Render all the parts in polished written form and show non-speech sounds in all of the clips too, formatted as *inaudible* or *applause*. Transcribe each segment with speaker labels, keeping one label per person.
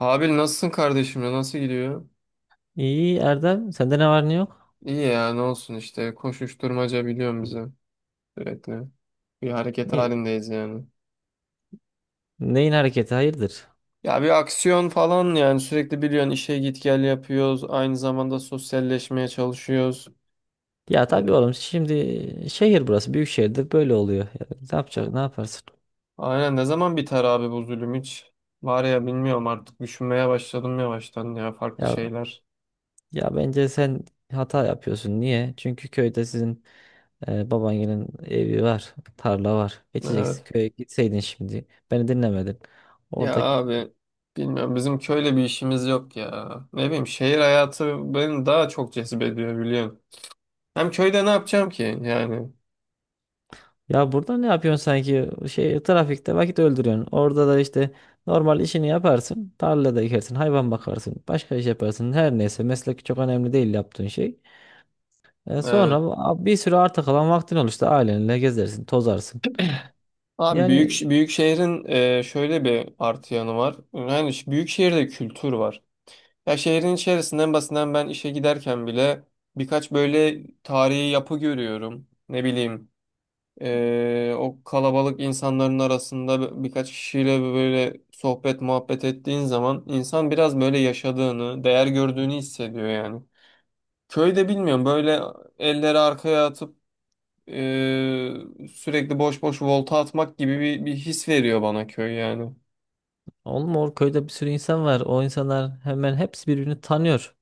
Speaker 1: Abi nasılsın kardeşim ya? Nasıl gidiyor?
Speaker 2: İyi Erdem, sende ne var ne yok?
Speaker 1: İyi ya ne olsun işte koşuşturmaca biliyorum bizi sürekli. Bir hareket
Speaker 2: İyi.
Speaker 1: halindeyiz yani.
Speaker 2: Neyin hareketi hayırdır?
Speaker 1: Ya bir aksiyon falan yani sürekli biliyorsun işe git gel yapıyoruz. Aynı zamanda sosyalleşmeye çalışıyoruz.
Speaker 2: Ya tabii
Speaker 1: Ee,
Speaker 2: oğlum şimdi şehir burası büyük şehirde böyle oluyor. Ya, ne yapacak ne yaparsın?
Speaker 1: Aynen ne zaman biter abi bu zulüm hiç? Var ya bilmiyorum artık düşünmeye başladım yavaştan ya farklı
Speaker 2: Ya
Speaker 1: şeyler.
Speaker 2: ya bence sen hata yapıyorsun. Niye? Çünkü köyde sizin babaannenin evi var, tarla var. Geçeceksin
Speaker 1: Evet.
Speaker 2: köye gitseydin şimdi. Beni dinlemedin.
Speaker 1: Ya
Speaker 2: Orada.
Speaker 1: abi bilmiyorum bizim köyle bir işimiz yok ya. Ne bileyim şehir hayatı beni daha çok cezbediyor biliyorsun. Hem köyde ne yapacağım ki yani?
Speaker 2: Ya burada ne yapıyorsun sanki? Şey trafikte vakit öldürüyorsun. Orada da işte normal işini yaparsın. Tarlada ekersin, hayvan bakarsın, başka iş yaparsın. Her neyse meslek çok önemli değil yaptığın şey.
Speaker 1: Evet.
Speaker 2: Sonra bir sürü arta kalan vaktin olur işte ailenle gezersin, tozarsın.
Speaker 1: Abi büyük
Speaker 2: Yani
Speaker 1: büyük şehrin şöyle bir artı yanı var. Yani büyük şehirde kültür var. Ya şehrin içerisinden basından ben işe giderken bile birkaç böyle tarihi yapı görüyorum. Ne bileyim o kalabalık insanların arasında birkaç kişiyle böyle sohbet muhabbet ettiğin zaman insan biraz böyle yaşadığını, değer gördüğünü hissediyor yani. Köyde bilmiyorum böyle elleri arkaya atıp Ee, sürekli boş boş volta atmak gibi bir his veriyor bana köy yani.
Speaker 2: oğlum o köyde bir sürü insan var. O insanlar hemen hepsi birbirini tanıyor.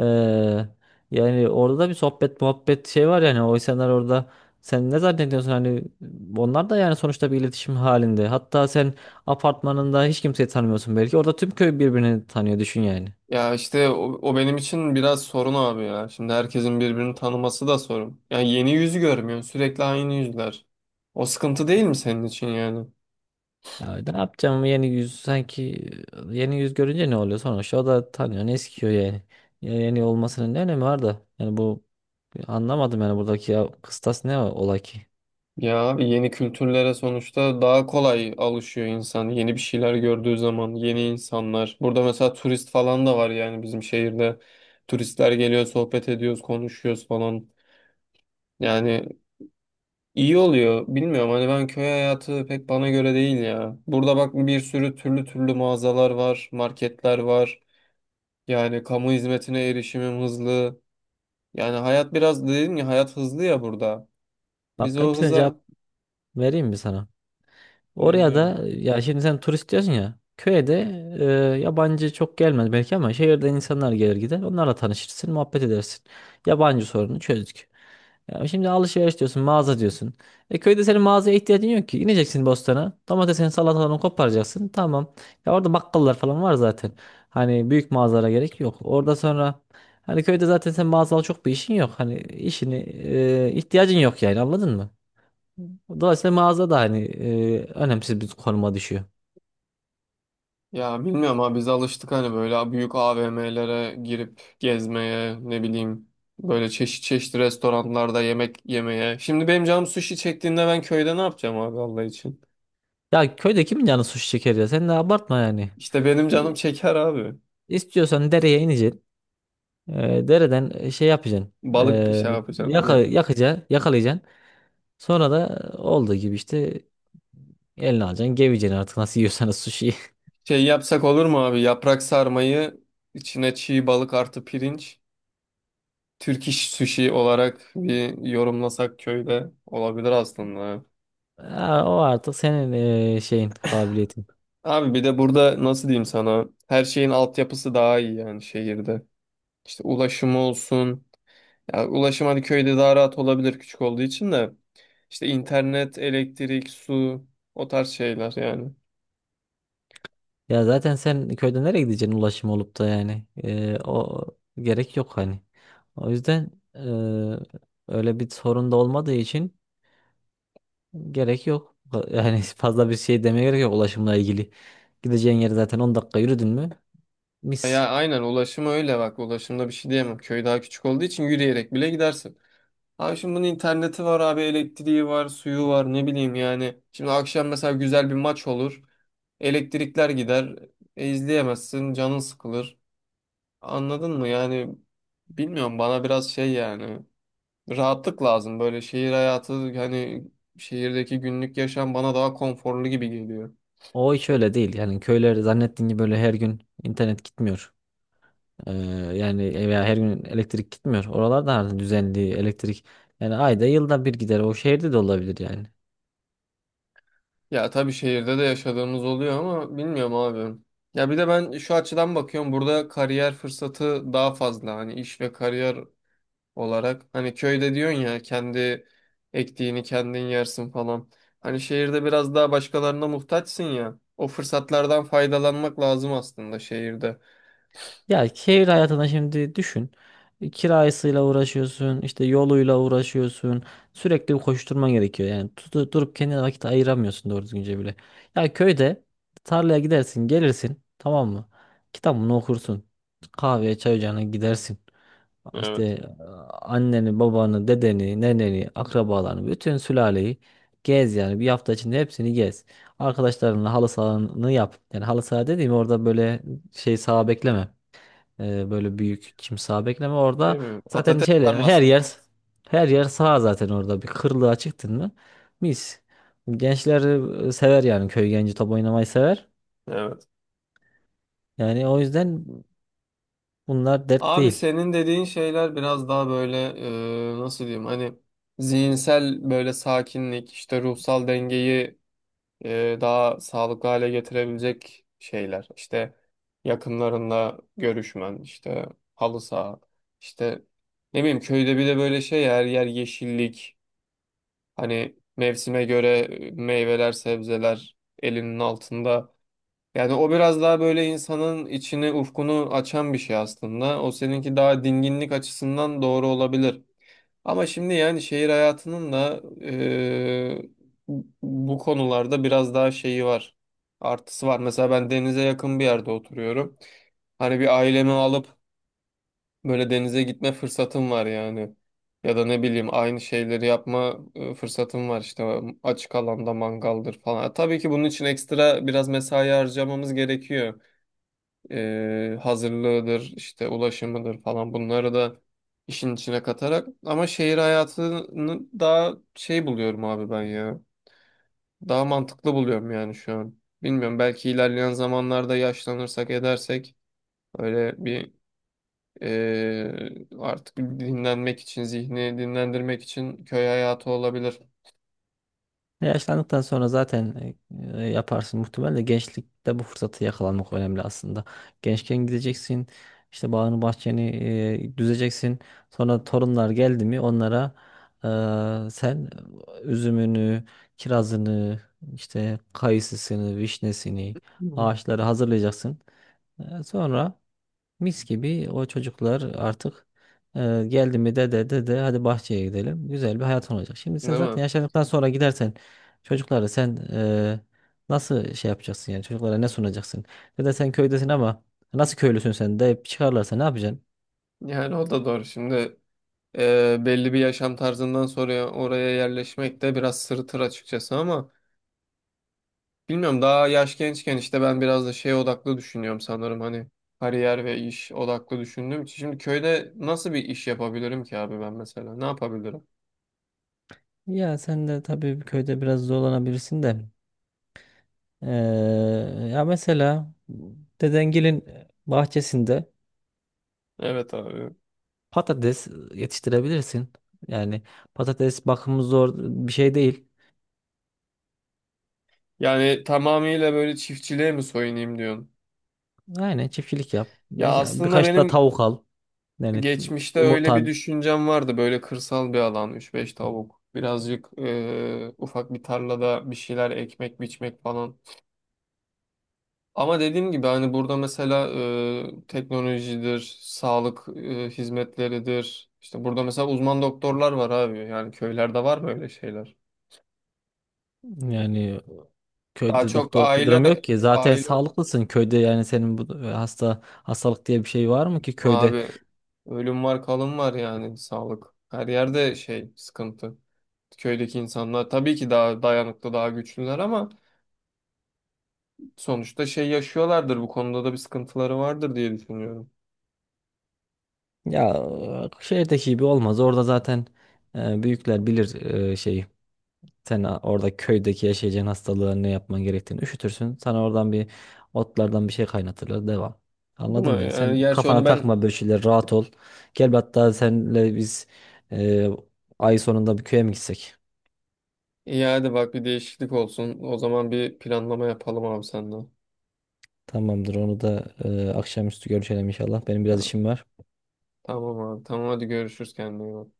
Speaker 2: Ee, Yani orada da bir sohbet muhabbet şey var yani. O insanlar orada sen ne zannediyorsun hani onlar da yani sonuçta bir iletişim halinde. Hatta sen apartmanında hiç kimseyi tanımıyorsun belki. Orada tüm köy birbirini tanıyor düşün yani.
Speaker 1: Ya işte o benim için biraz sorun abi ya. Şimdi herkesin birbirini tanıması da sorun. Yani yeni yüzü görmüyorsun. Sürekli aynı yüzler. O sıkıntı değil mi senin için yani?
Speaker 2: Ya ne yapacağım yeni yüz sanki yeni yüz görünce ne oluyor sonuçta o da tanıyor ne eskiyor yani. Ya yeni olmasının ne önemi var da yani bu anlamadım yani buradaki ya, kıstas ne ola ki?
Speaker 1: Ya abi yeni kültürlere sonuçta daha kolay alışıyor insan. Yeni bir şeyler gördüğü zaman yeni insanlar. Burada mesela turist falan da var yani bizim şehirde. Turistler geliyor, sohbet ediyoruz, konuşuyoruz falan. Yani İyi oluyor. Bilmiyorum hani ben köy hayatı pek bana göre değil ya. Burada bak bir sürü türlü türlü mağazalar var, marketler var. Yani kamu hizmetine erişimim hızlı. Yani hayat biraz dedim ya hayat hızlı ya burada. Biz
Speaker 2: Bak
Speaker 1: o
Speaker 2: hepsine cevap
Speaker 1: hıza
Speaker 2: vereyim mi sana? Oraya
Speaker 1: dinliyorum.
Speaker 2: da ya şimdi sen turist diyorsun ya. Köye de yabancı çok gelmez belki ama şehirden insanlar gelir gider. Onlarla tanışırsın, muhabbet edersin. Yabancı sorunu çözdük. Ya şimdi alışveriş diyorsun, mağaza diyorsun. E köyde senin mağazaya ihtiyacın yok ki. İneceksin bostana. Domatesini, salatalarını koparacaksın. Tamam. Ya orada bakkallar falan var zaten. Hani büyük mağazalara gerek yok. Orada sonra hani köyde zaten sen mağazal çok bir işin yok. Hani işini ihtiyacın yok yani anladın mı? Dolayısıyla mağaza da hani önemsiz bir konuma düşüyor.
Speaker 1: Ya bilmiyorum abi biz alıştık hani böyle büyük AVM'lere girip gezmeye ne bileyim böyle çeşit çeşit restoranlarda yemek yemeye. Şimdi benim canım sushi çektiğinde ben köyde ne yapacağım abi Allah için?
Speaker 2: Ya köyde kimin canı sushi çeker ya? Sen de abartma yani.
Speaker 1: İşte benim
Speaker 2: E,
Speaker 1: canım çeker abi.
Speaker 2: İstiyorsan dereye ineceksin. Dereden şey yapacaksın.
Speaker 1: Balık
Speaker 2: E,
Speaker 1: şey yapacağım. Ya-
Speaker 2: Yakalayacaksın. Sonra da olduğu gibi işte eline alacaksın. Geveceksin artık nasıl yiyorsanız sushi'yi. *laughs*
Speaker 1: Şey yapsak olur mu abi? Yaprak sarmayı içine çiğ balık artı pirinç. Türk iş sushi olarak bir yorumlasak köyde olabilir aslında.
Speaker 2: Ha, o artık senin şeyin, kabiliyetin.
Speaker 1: Abi bir de burada nasıl diyeyim sana? Her şeyin altyapısı daha iyi yani şehirde. İşte ulaşımı olsun. Ya ulaşım hadi köyde daha rahat olabilir küçük olduğu için de. İşte internet, elektrik, su o tarz şeyler yani.
Speaker 2: Ya zaten sen köyde nereye gideceksin ulaşım olup da yani. O gerek yok hani. O yüzden öyle bir sorun da olmadığı için gerek yok. Yani *laughs* fazla bir şey demeye gerek yok ulaşımla ilgili. Gideceğin yer zaten 10 dakika yürüdün mü? Mis.
Speaker 1: Ya aynen ulaşım öyle bak ulaşımda bir şey diyemem. Köy daha küçük olduğu için yürüyerek bile gidersin. Abi şimdi bunun interneti var abi elektriği var suyu var ne bileyim yani. Şimdi akşam mesela güzel bir maç olur. Elektrikler gider. İzleyemezsin canın sıkılır. Anladın mı yani bilmiyorum bana biraz şey yani. Rahatlık lazım böyle şehir hayatı hani şehirdeki günlük yaşam bana daha konforlu gibi geliyor.
Speaker 2: O hiç öyle değil. Yani köyler zannettiğin gibi böyle her gün internet gitmiyor. Ee, Yani veya her gün elektrik gitmiyor. Oralarda artık düzenli elektrik. Yani ayda yılda bir gider. O şehirde de olabilir yani.
Speaker 1: Ya tabii şehirde de yaşadığımız oluyor ama bilmiyorum abi. Ya bir de ben şu açıdan bakıyorum burada kariyer fırsatı daha fazla hani iş ve kariyer olarak. Hani köyde diyorsun ya kendi ektiğini kendin yersin falan. Hani şehirde biraz daha başkalarına muhtaçsın ya. O fırsatlardan faydalanmak lazım aslında şehirde.
Speaker 2: Ya şehir hayatına şimdi düşün. Kirasıyla uğraşıyorsun, işte yoluyla uğraşıyorsun. Sürekli bir koşturman gerekiyor. Yani durup kendine vakit ayıramıyorsun doğru düzgünce bile. Ya köyde tarlaya gidersin, gelirsin, tamam mı? Kitabını okursun. Kahveye, çay ocağına gidersin. İşte
Speaker 1: Evet.
Speaker 2: anneni, babanı, dedeni, neneni, akrabalarını, bütün sülaleyi gez yani. Bir hafta içinde hepsini gez. Arkadaşlarınla halı sahanı yap. Yani halı saha dediğim orada böyle şey saha bekleme. Böyle büyük kimsa bekleme orada.
Speaker 1: Değil mi?
Speaker 2: Zaten
Speaker 1: Patates
Speaker 2: şeyle her
Speaker 1: tarlasında.
Speaker 2: yer her yer sağ zaten orada. Bir kırlığa çıktın mı? Mis. Gençler sever yani köy genci top oynamayı sever.
Speaker 1: Evet.
Speaker 2: Yani o yüzden bunlar dert
Speaker 1: Abi
Speaker 2: değil.
Speaker 1: senin dediğin şeyler biraz daha böyle nasıl diyeyim hani zihinsel böyle sakinlik işte ruhsal dengeyi daha sağlıklı hale getirebilecek şeyler. İşte yakınlarınla görüşmen, işte halı saha, işte ne bileyim köyde bir de böyle şey ya, her yer yeşillik. Hani mevsime göre meyveler, sebzeler elinin altında. Yani o biraz daha böyle insanın içini, ufkunu açan bir şey aslında. O seninki daha dinginlik açısından doğru olabilir. Ama şimdi yani şehir hayatının da bu konularda biraz daha şeyi var. Artısı var. Mesela ben denize yakın bir yerde oturuyorum. Hani bir ailemi alıp böyle denize gitme fırsatım var yani. Ya da ne bileyim aynı şeyleri yapma fırsatım var işte açık alanda mangaldır falan. Tabii ki bunun için ekstra biraz mesai harcamamız gerekiyor hazırlığıdır, işte ulaşımıdır falan bunları da işin içine katarak. Ama şehir hayatını daha şey buluyorum abi ben ya. Daha mantıklı buluyorum yani şu an. Bilmiyorum belki ilerleyen zamanlarda yaşlanırsak edersek öyle bir artık dinlenmek için, zihni dinlendirmek için köy hayatı olabilir.
Speaker 2: Yaşlandıktan sonra zaten yaparsın muhtemelen de gençlikte bu fırsatı yakalamak önemli aslında. Gençken gideceksin işte bağını bahçeni düzeceksin. Sonra torunlar geldi mi onlara sen üzümünü, kirazını, işte kayısısını, vişnesini,
Speaker 1: Hı hı.
Speaker 2: ağaçları hazırlayacaksın. Sonra mis gibi o çocuklar artık geldi mi dede dede hadi bahçeye gidelim. Güzel bir hayat olacak. Şimdi sen
Speaker 1: Değil mi?
Speaker 2: zaten yaşlandıktan sonra gidersen çocuklara sen nasıl şey yapacaksın yani çocuklara ne sunacaksın? Dede sen köydesin ama nasıl köylüsün sen deyip çıkarlarsa ne yapacaksın?
Speaker 1: Yani o da doğru. Şimdi belli bir yaşam tarzından sonra oraya yerleşmek de biraz sırıtır açıkçası ama bilmiyorum daha yaş gençken işte ben biraz da şey odaklı düşünüyorum sanırım hani kariyer ve iş odaklı düşündüğüm için. Şimdi köyde nasıl bir iş yapabilirim ki abi ben mesela ne yapabilirim?
Speaker 2: Ya sen de tabii köyde biraz zorlanabilirsin de. E, Ya mesela dedengilin bahçesinde
Speaker 1: Evet abi.
Speaker 2: patates yetiştirebilirsin. Yani patates bakımı zor bir şey değil.
Speaker 1: Yani tamamıyla böyle çiftçiliğe mi soyunayım diyorsun?
Speaker 2: Aynen çiftçilik yap.
Speaker 1: Ya aslında
Speaker 2: Birkaç da
Speaker 1: benim
Speaker 2: tavuk al. Yani
Speaker 1: geçmişte öyle bir
Speaker 2: yumurtan
Speaker 1: düşüncem vardı böyle kırsal bir alan üç beş tavuk birazcık ufak bir tarlada bir şeyler ekmek biçmek falan. Ama dediğim gibi hani burada mesela teknolojidir, sağlık hizmetleridir. İşte burada mesela uzman doktorlar var abi. Yani köylerde var böyle şeyler.
Speaker 2: yani
Speaker 1: Daha
Speaker 2: köyde
Speaker 1: çok
Speaker 2: doktorluk bir durum
Speaker 1: aile
Speaker 2: yok ki. Zaten
Speaker 1: aile
Speaker 2: sağlıklısın köyde yani senin bu hasta hastalık diye bir şey var mı ki köyde?
Speaker 1: abi ölüm var, kalım var yani sağlık. Her yerde şey sıkıntı. Köydeki insanlar tabii ki daha dayanıklı, daha güçlüler ama sonuçta şey yaşıyorlardır. Bu konuda da bir sıkıntıları vardır diye düşünüyorum.
Speaker 2: Ya şehirdeki gibi olmaz. Orada zaten büyükler bilir şeyi. Sen orada köydeki yaşayacağın hastalığın ne yapman gerektiğini üşütürsün. Sana oradan bir otlardan bir şey kaynatırlar. Devam.
Speaker 1: Değil mi?
Speaker 2: Anladın beni. Sen
Speaker 1: Yani gerçi onu
Speaker 2: kafana
Speaker 1: ben
Speaker 2: takma böyle şeyler. Rahat ol. Gel bir hatta senle biz e, ay sonunda bir köye mi gitsek?
Speaker 1: İyi hadi bak bir değişiklik olsun. O zaman bir planlama yapalım abi senden.
Speaker 2: Tamamdır. Onu da akşamüstü görüşelim inşallah. Benim biraz
Speaker 1: Tamam,
Speaker 2: işim var.
Speaker 1: tamam abi. Tamam hadi görüşürüz kendine iyi bak.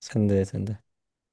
Speaker 2: Sen de sen de.